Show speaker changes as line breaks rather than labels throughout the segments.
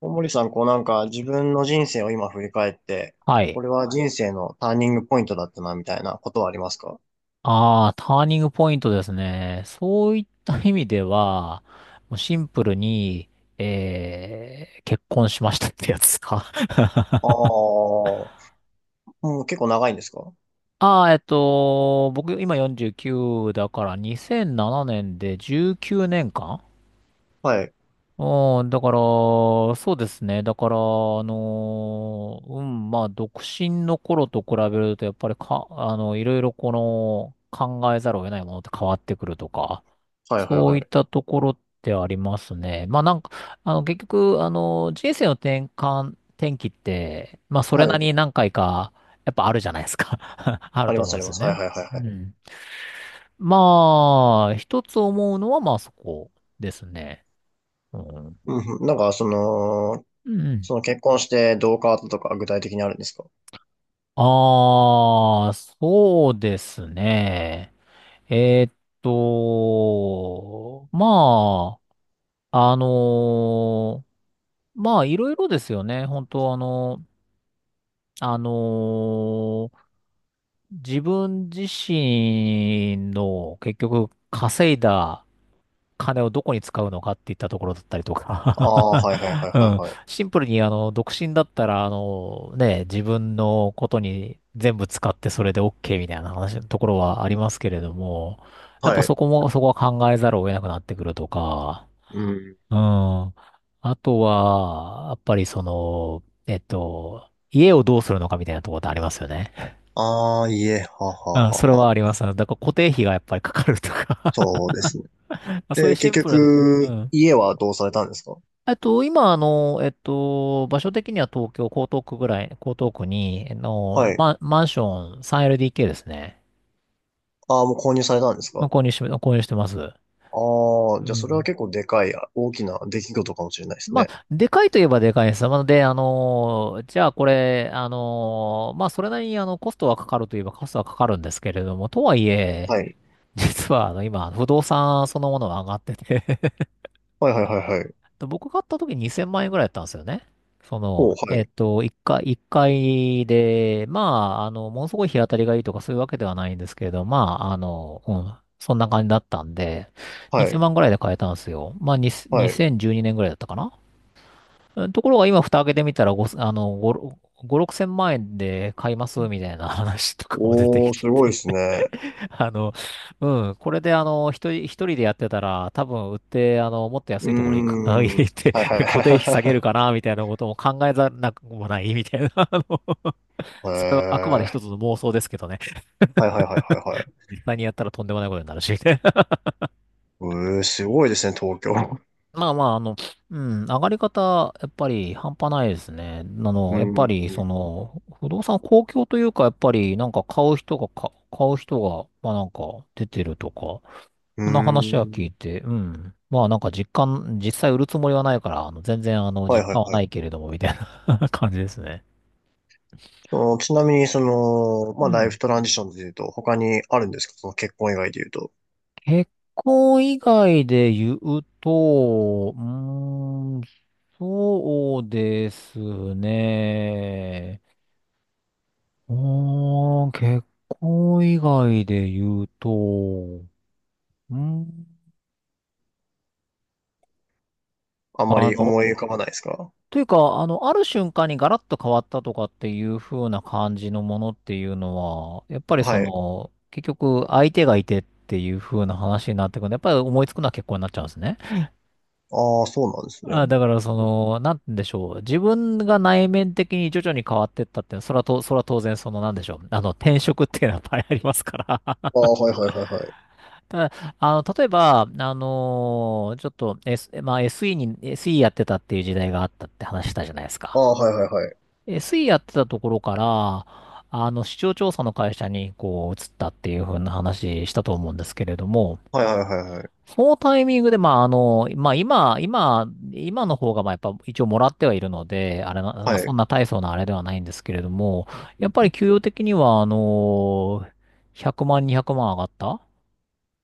大森さん、こうなんか自分の人生を今振り返って、
は
こ
い。
れは人生のターニングポイントだったな、みたいなことはありますか？
ああ、ターニングポイントですね。そういった意味では、もうシンプルに、結婚しましたってやつですか。
ああー、もう結構長いんですか？
ああ、僕今49だから2007年で19年間
はい。
うねんかんうん、だから、そうですね。だから、まあ、独身の頃と比べると、やっぱりか、あの、いろいろ考えざるを得ないものって変わってくるとか、
はいはい
そ
は
ういった
い。
ところってありますね。まあなんか、結局、人生の転換、転機って、まあそ
は
れな
い。
りに何回か、やっぱあるじゃないですか。あ
あ
る
り
と
ま
思
す
うん
あり
です
ま
よ
す。はい
ね。
はいはい
う
はい。
ん。まあ、一つ思うのはまあそこですね。うん。
うんうん、なんかその、
うん。
結婚してどう変わったとか具体的にあるんですか？
ああ、そうですね。えーっと、まあ、あのーまあいろいろですよね。本当あのー自分自身の結局稼いだ金をどこに使うのかっていったところだったりと
ああー、
か
はいはいはい
うん。
はい
シンプルに独身だったら、あの、ね、自分のことに全部使ってそれで OK みたいな話のところはありますけれども、やっ
はい。
ぱ
はい。
そこも、そこは考えざるを得なくなってくるとか、
うん。
うん。あとは、やっぱりその、家をどうするのかみたいなところってありますよね。
ああ、家、はは
あ、そ
は
れは
は。
あります。だから固定費がやっぱりかかるとか
そうですね。
あ、そういう
で、
シ
結
ンプルなとこ。う
局、
ん。
家はどうされたんですか？
今、場所的には東京、江東区ぐらい、江東区に、
はい。
マンション 3LDK ですね。
ああ、もう購入されたんです
の
か？
購入し、購入してます。
ああ、
う
じゃあそれは
ん。
結構でかい、あ大きな出来事かもしれないです
ま
ね。
あ、でかいといえばでかいです。なので、じゃあこれ、まあ、それなりに、コストはかかるといえばコストはかかるんですけれども、とはいえ、
はい。
実は、今、不動産そのものが上がってて、
はいはいはいはい。
で、僕買った時2000万円ぐらいだったんですよね。その、
おう、はい。
えっと、1回、一回で、まあ、ものすごい日当たりがいいとかそういうわけではないんですけれど、まあ、うん、そんな感じだったんで、
は
2000
い。
万ぐらいで買えたんですよ。まあ、
はい。
2012年ぐらいだったかな。うん、ところが今、蓋開けてみたら、ご、あの、5、6千万円で買いますみたいな話とかも出て
お
き
ー、
て
すごい
て
ですね。
あの、うん、これで一人でやってたら、多分売って、もっと
う
安
ー
いところ行くか、
ん。
行って、
はいはい
固定費下げ
は
る
い
かな、みたいなことも考えざるなくもない、みたいな。
はい。
それはあくまで
へ
一つ
え。
の妄想ですけどね。
はいはいはいはいはい。
実際にやったらとんでもないことになるし、ね。
えー、すごいですね、東京。
まあまあ、上がり方、やっぱり半端ないですね。
う
やっぱ
ーん。
り、その、不動産公共というか、やっぱり、なんか買う人が、まあなんか出てるとか、
うー
そんな話は聞い
ん。
て、うん。まあなんか実際売るつもりはないから、全然
はい
実
はい
感は
は
な
い。
いけれども、みたいな 感じですね。
その、ちなみに、その、
う
まあ、ライ
ん。
フトランジションで言うと、他にあるんですか？その結婚以外で言うと。
結婚以外で言うと、うーん、そうですね。おー、結婚以外で言うと、うん、
あんま
あ
り思
の、
い浮かばないですか？
というか、ある瞬間にガラッと変わったとかっていう風な感じのものっていうのは、やっぱりそ
はい。
の、結局相手がいてっていう風な話になってくるんで、やっぱり思いつくのは結婚になっちゃうんですね。
ああ、そうなんですね。
あ、だからその、なんて言うんでしょう。自分が内面的に徐々に変わってったって、それは当然その、なんでしょう。転職っていうのはやっぱりありますから。
ああ、はいはいはいはい。
ただ、例えば、あのーちょっと、S、まあ、SE に、SE やってたっていう時代があったって話したじゃないです
あ
か。
あ、はいはいはい。
SE やってたところから、市場調査の会社に、こう、移ったっていう風な話したと思うんですけれども、
はいはいはいはい。
そのタイミングで、今の方が、まあ、やっぱ一応もらってはいるので、あれな、ま
は
あ、そん
い。
な大層なあれではないんですけれども、やっぱり給与的には、100万、200万上がった。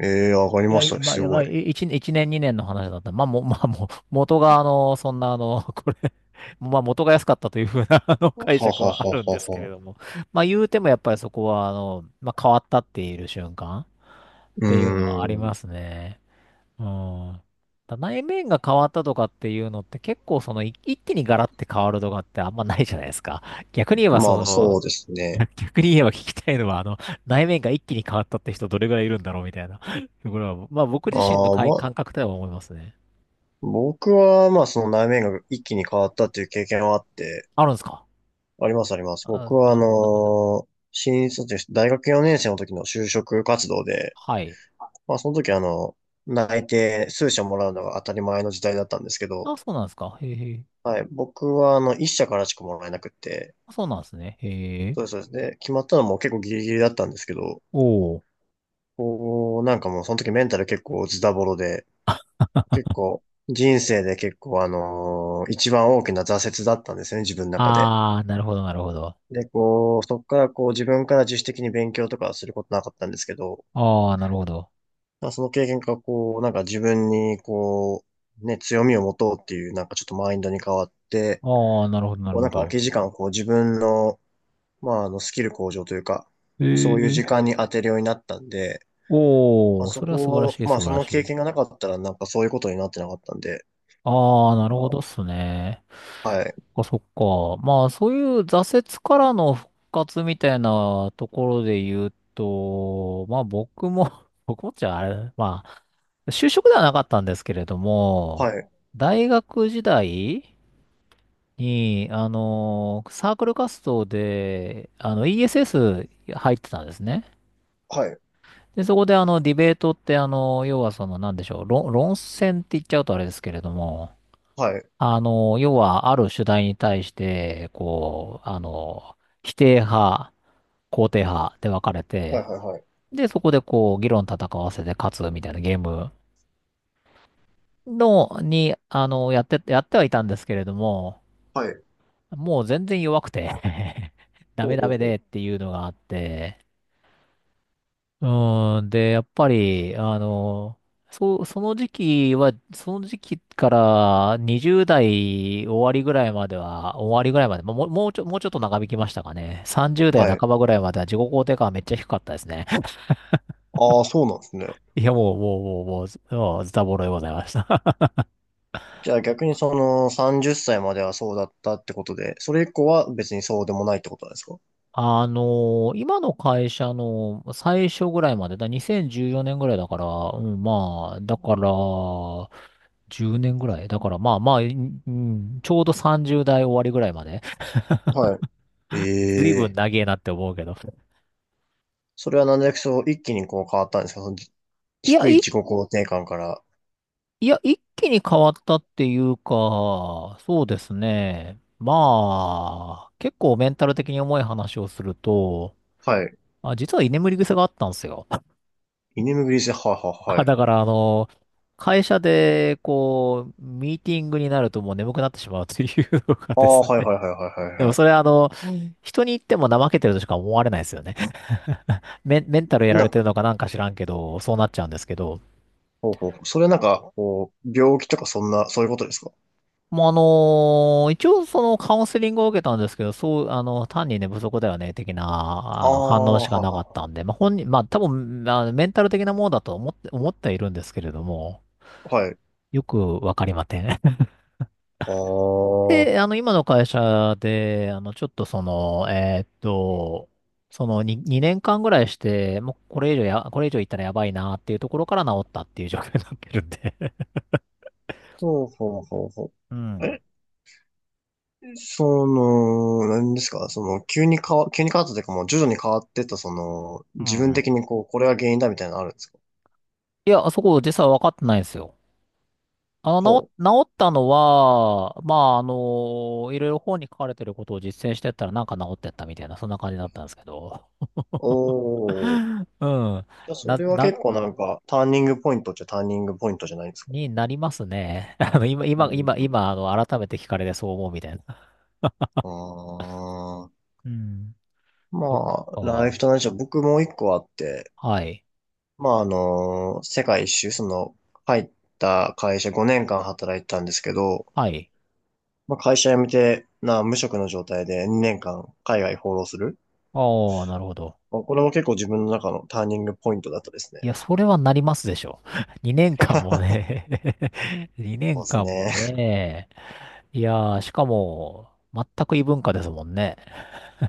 ええー、上がり
いや、
ました
い
ね。
まあ、い
す
やま
ご
あ、
い。
い一一年、二年の話だった。まあ、も、まあ、もう、元が、そんな、これ、まあ、元が安かったというふうな、
は
解
は
釈
は
はあるんで
は
すけれ
は
ども。まあ、言うても、やっぱりそこは、まあ、変わったっている瞬間っ
うー
ていうのはあり
ん。
ますね。うん。内面が変わったとかっていうのって、結構、その、一気にガラッて変わるとかってあんまないじゃないですか。逆に言えば、
まあ
そ
まあ、
の、
そうです
い
ね。
や、逆に言えば聞きたいのは、内面が一気に変わったって人どれぐらいいるんだろうみたいな。これは、まあ僕
あ
自身の
あ、まあ、
感覚では思いますね。
僕は、まあ、その内面が一気に変わったっていう経験はあって、
あるんですか？
ありますあります。
あ、
僕は、
ど、
新卒、大学4年生の時の就職活動で、
はい。
まあ、その時、内定数社もらうのが当たり前の時代だったんですけど、
あ、そうなんですか？へえへえ。
はい、僕は、1社からしかもらえなくって、
あ、そうなんですね。へえ。
そうですそうです、で、決まったのも結構ギリギリだったんですけど、
おお。
こう、なんかもうその時メンタル結構ズタボロで、結構人生で結構一番大きな挫折だったんですよね、自分の中で。
ああ、なるほど、なるほど。
で、こう、そこからこう自分から自主的に勉強とかはすることなかったんですけど、
ああ、なるほど。
まあその経験がこう、なんか自分にこう、ね、強みを持とうっていうなんかちょっとマインドに変わって、
ああ、なるほど、なる
こうな
ほ
んか空
ど。
き時間をこう自分の、まあスキル向上というか、
へ
そういう
え。
時間に当てるようになったんで、
お
あ
お、
そ
それは素晴ら
こ、
しい、
まあ
素
そ
晴ら
の
し
経
い。
験がなかったらなんかそういうことになってなかったんで、
ああ、な
あ
るほ
の、
どっすね。
はい、
そっか、そっか。まあ、そういう挫折からの復活みたいなところで言うと、まあ僕も 僕もっちゃあれ、まあ、就職ではなかったんですけれど
は
も、
い、
大学時代に、サークル活動で、ESS 入ってたんですね。
はい、
で、そこでディベートって、要はその、なんでしょう、論戦って言っちゃうとあれですけれども、
はい、
要は、ある主題に対して、こう、否定派、肯定派で分かれ
はい、
て、
はい、はい、
で、そこでこう、議論戦わせて勝つみたいなゲームの、に、あの、やって、やってはいたんですけれども、
はい、
もう全然弱くて ダ
ほ
メ
う
ダ
ほう
メ
ほう。
でっていうのがあって、うん、で、やっぱり、その時期は、その時期から20代終わりぐらいまでは、終わりぐらいまで、まあもう、もうちょっと長引きましたかね。30代
はい。
半ばぐらいまでは自己肯定感はめっちゃ低かったですね。
ああ、そうなんですね。
いや、もう、ずもうズタボロでございました。
じゃあ逆にその30歳まではそうだったってことで、それ以降は別にそうでもないってことなんですか？
今の会社の最初ぐらいまで、2014年ぐらいだから、うん、まあ、だから、10年ぐらいだから、まあまあ、ちょうど30代終わりぐらいまで。
は
ずいぶん
い。ええ、
長えなって思うけど。
それはなんでそう一気にこう変わったんですか？その
いや、
低い
い、
自己肯定感から。
いや、一気に変わったっていうか、そうですね。まあ、結構メンタル的に重い話をすると、
はい。
あ、実は居眠り癖があったんですよ。
居眠りリス、はいはい
あ、
はい。
だから、会社で、こう、ミーティングになるともう眠くなってしまうというのが
あ
で
あ、
す
はい
ね。
はいはいは い
で
はい
も
は
それは人に言っても怠けてるとしか思われないですよね。メンタルや
い。
られてるのかなんか知らんけど、そうなっちゃうんですけど。
ほうほうほう。それはなんか、こう、病気とかそんな、そういうことですか？
もうあのー一応そのカウンセリングを受けたんですけど、そう、単に寝不足だよね、的な、
ああ、
反応しか
は
なかっ
は
たんで、まあ、本人、まあ、多分、まあのメンタル的なものだと思って、思ってはいるんですけれども、
ははい。ああ、
よくわかりません。
ほ
で、今の会社で、ちょっとその、2年間ぐらいして、もうこれ以上や、これ以上いったらやばいなっていうところから治ったっていう状況になってるんで
うほうほうほ
う
う。
ん。
え、その、何ですかその、急に変わったというか、もう徐々に変わってった、その、
う
自分
ん。
的にこう、これが原因だみたいなのあるんですか？
いや、そこ実は分かってないんですよ。
ほう。
治ったのは、まあ、いろいろ本に書かれてることを実践してったらなんか治ってったみたいな、そんな感じだったんですけど。
おー。
うん。
じゃあ、そ
な、
れは
な、
結構なんか、ターニングポイントっちゃターニングポイントじゃないですか？
になりますね。
うん。
今、改めて聞かれてそう思うみたいな。
ああ。
うん。そっ
まあ、ライ
か。
フと同じでゃ僕もう一個あって、
はい。
まあ、世界一周、その、入った会社5年間働いてたんですけど、
はい。
まあ、会社辞めて、無職の状態で2年間海外放浪する。
ああ、なるほど。
まあ、これも結構自分の中のターニングポイントだったです
い
ね。
や、それはなりますでしょ。2年間も ね。 2
そうです
年間も
ね。
ね。いやー、しかも、全く異文化ですもんね。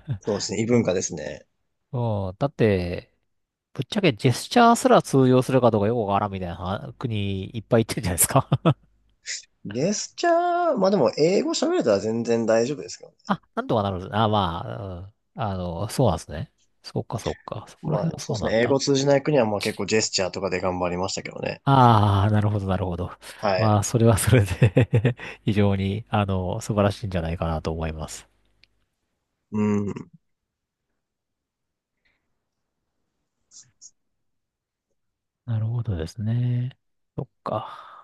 そうですね。異文化ですね。
うん。だって、ぶっちゃけジェスチャーすら通用するかどうかよくわからんみたいなは国いっぱい行ってるじゃないですか。
ジェスチャー、まあでも英語喋れたら全然大丈夫ですけどね。
あ、なんとかなる。あ、まあ、うん。そうなんですね。そっかそっか。そこら
ま
辺
あ
は
そ
そ
う
う
です
なん
ね。英
だ。
語通じない国はまあ結構ジェスチャーとかで頑張りましたけどね。
ああ、なるほど、なるほど。
は
ま
い。
あ、それはそれで 非常に、素晴らしいんじゃないかなと思います。
うん。
なるほどですね。そっか。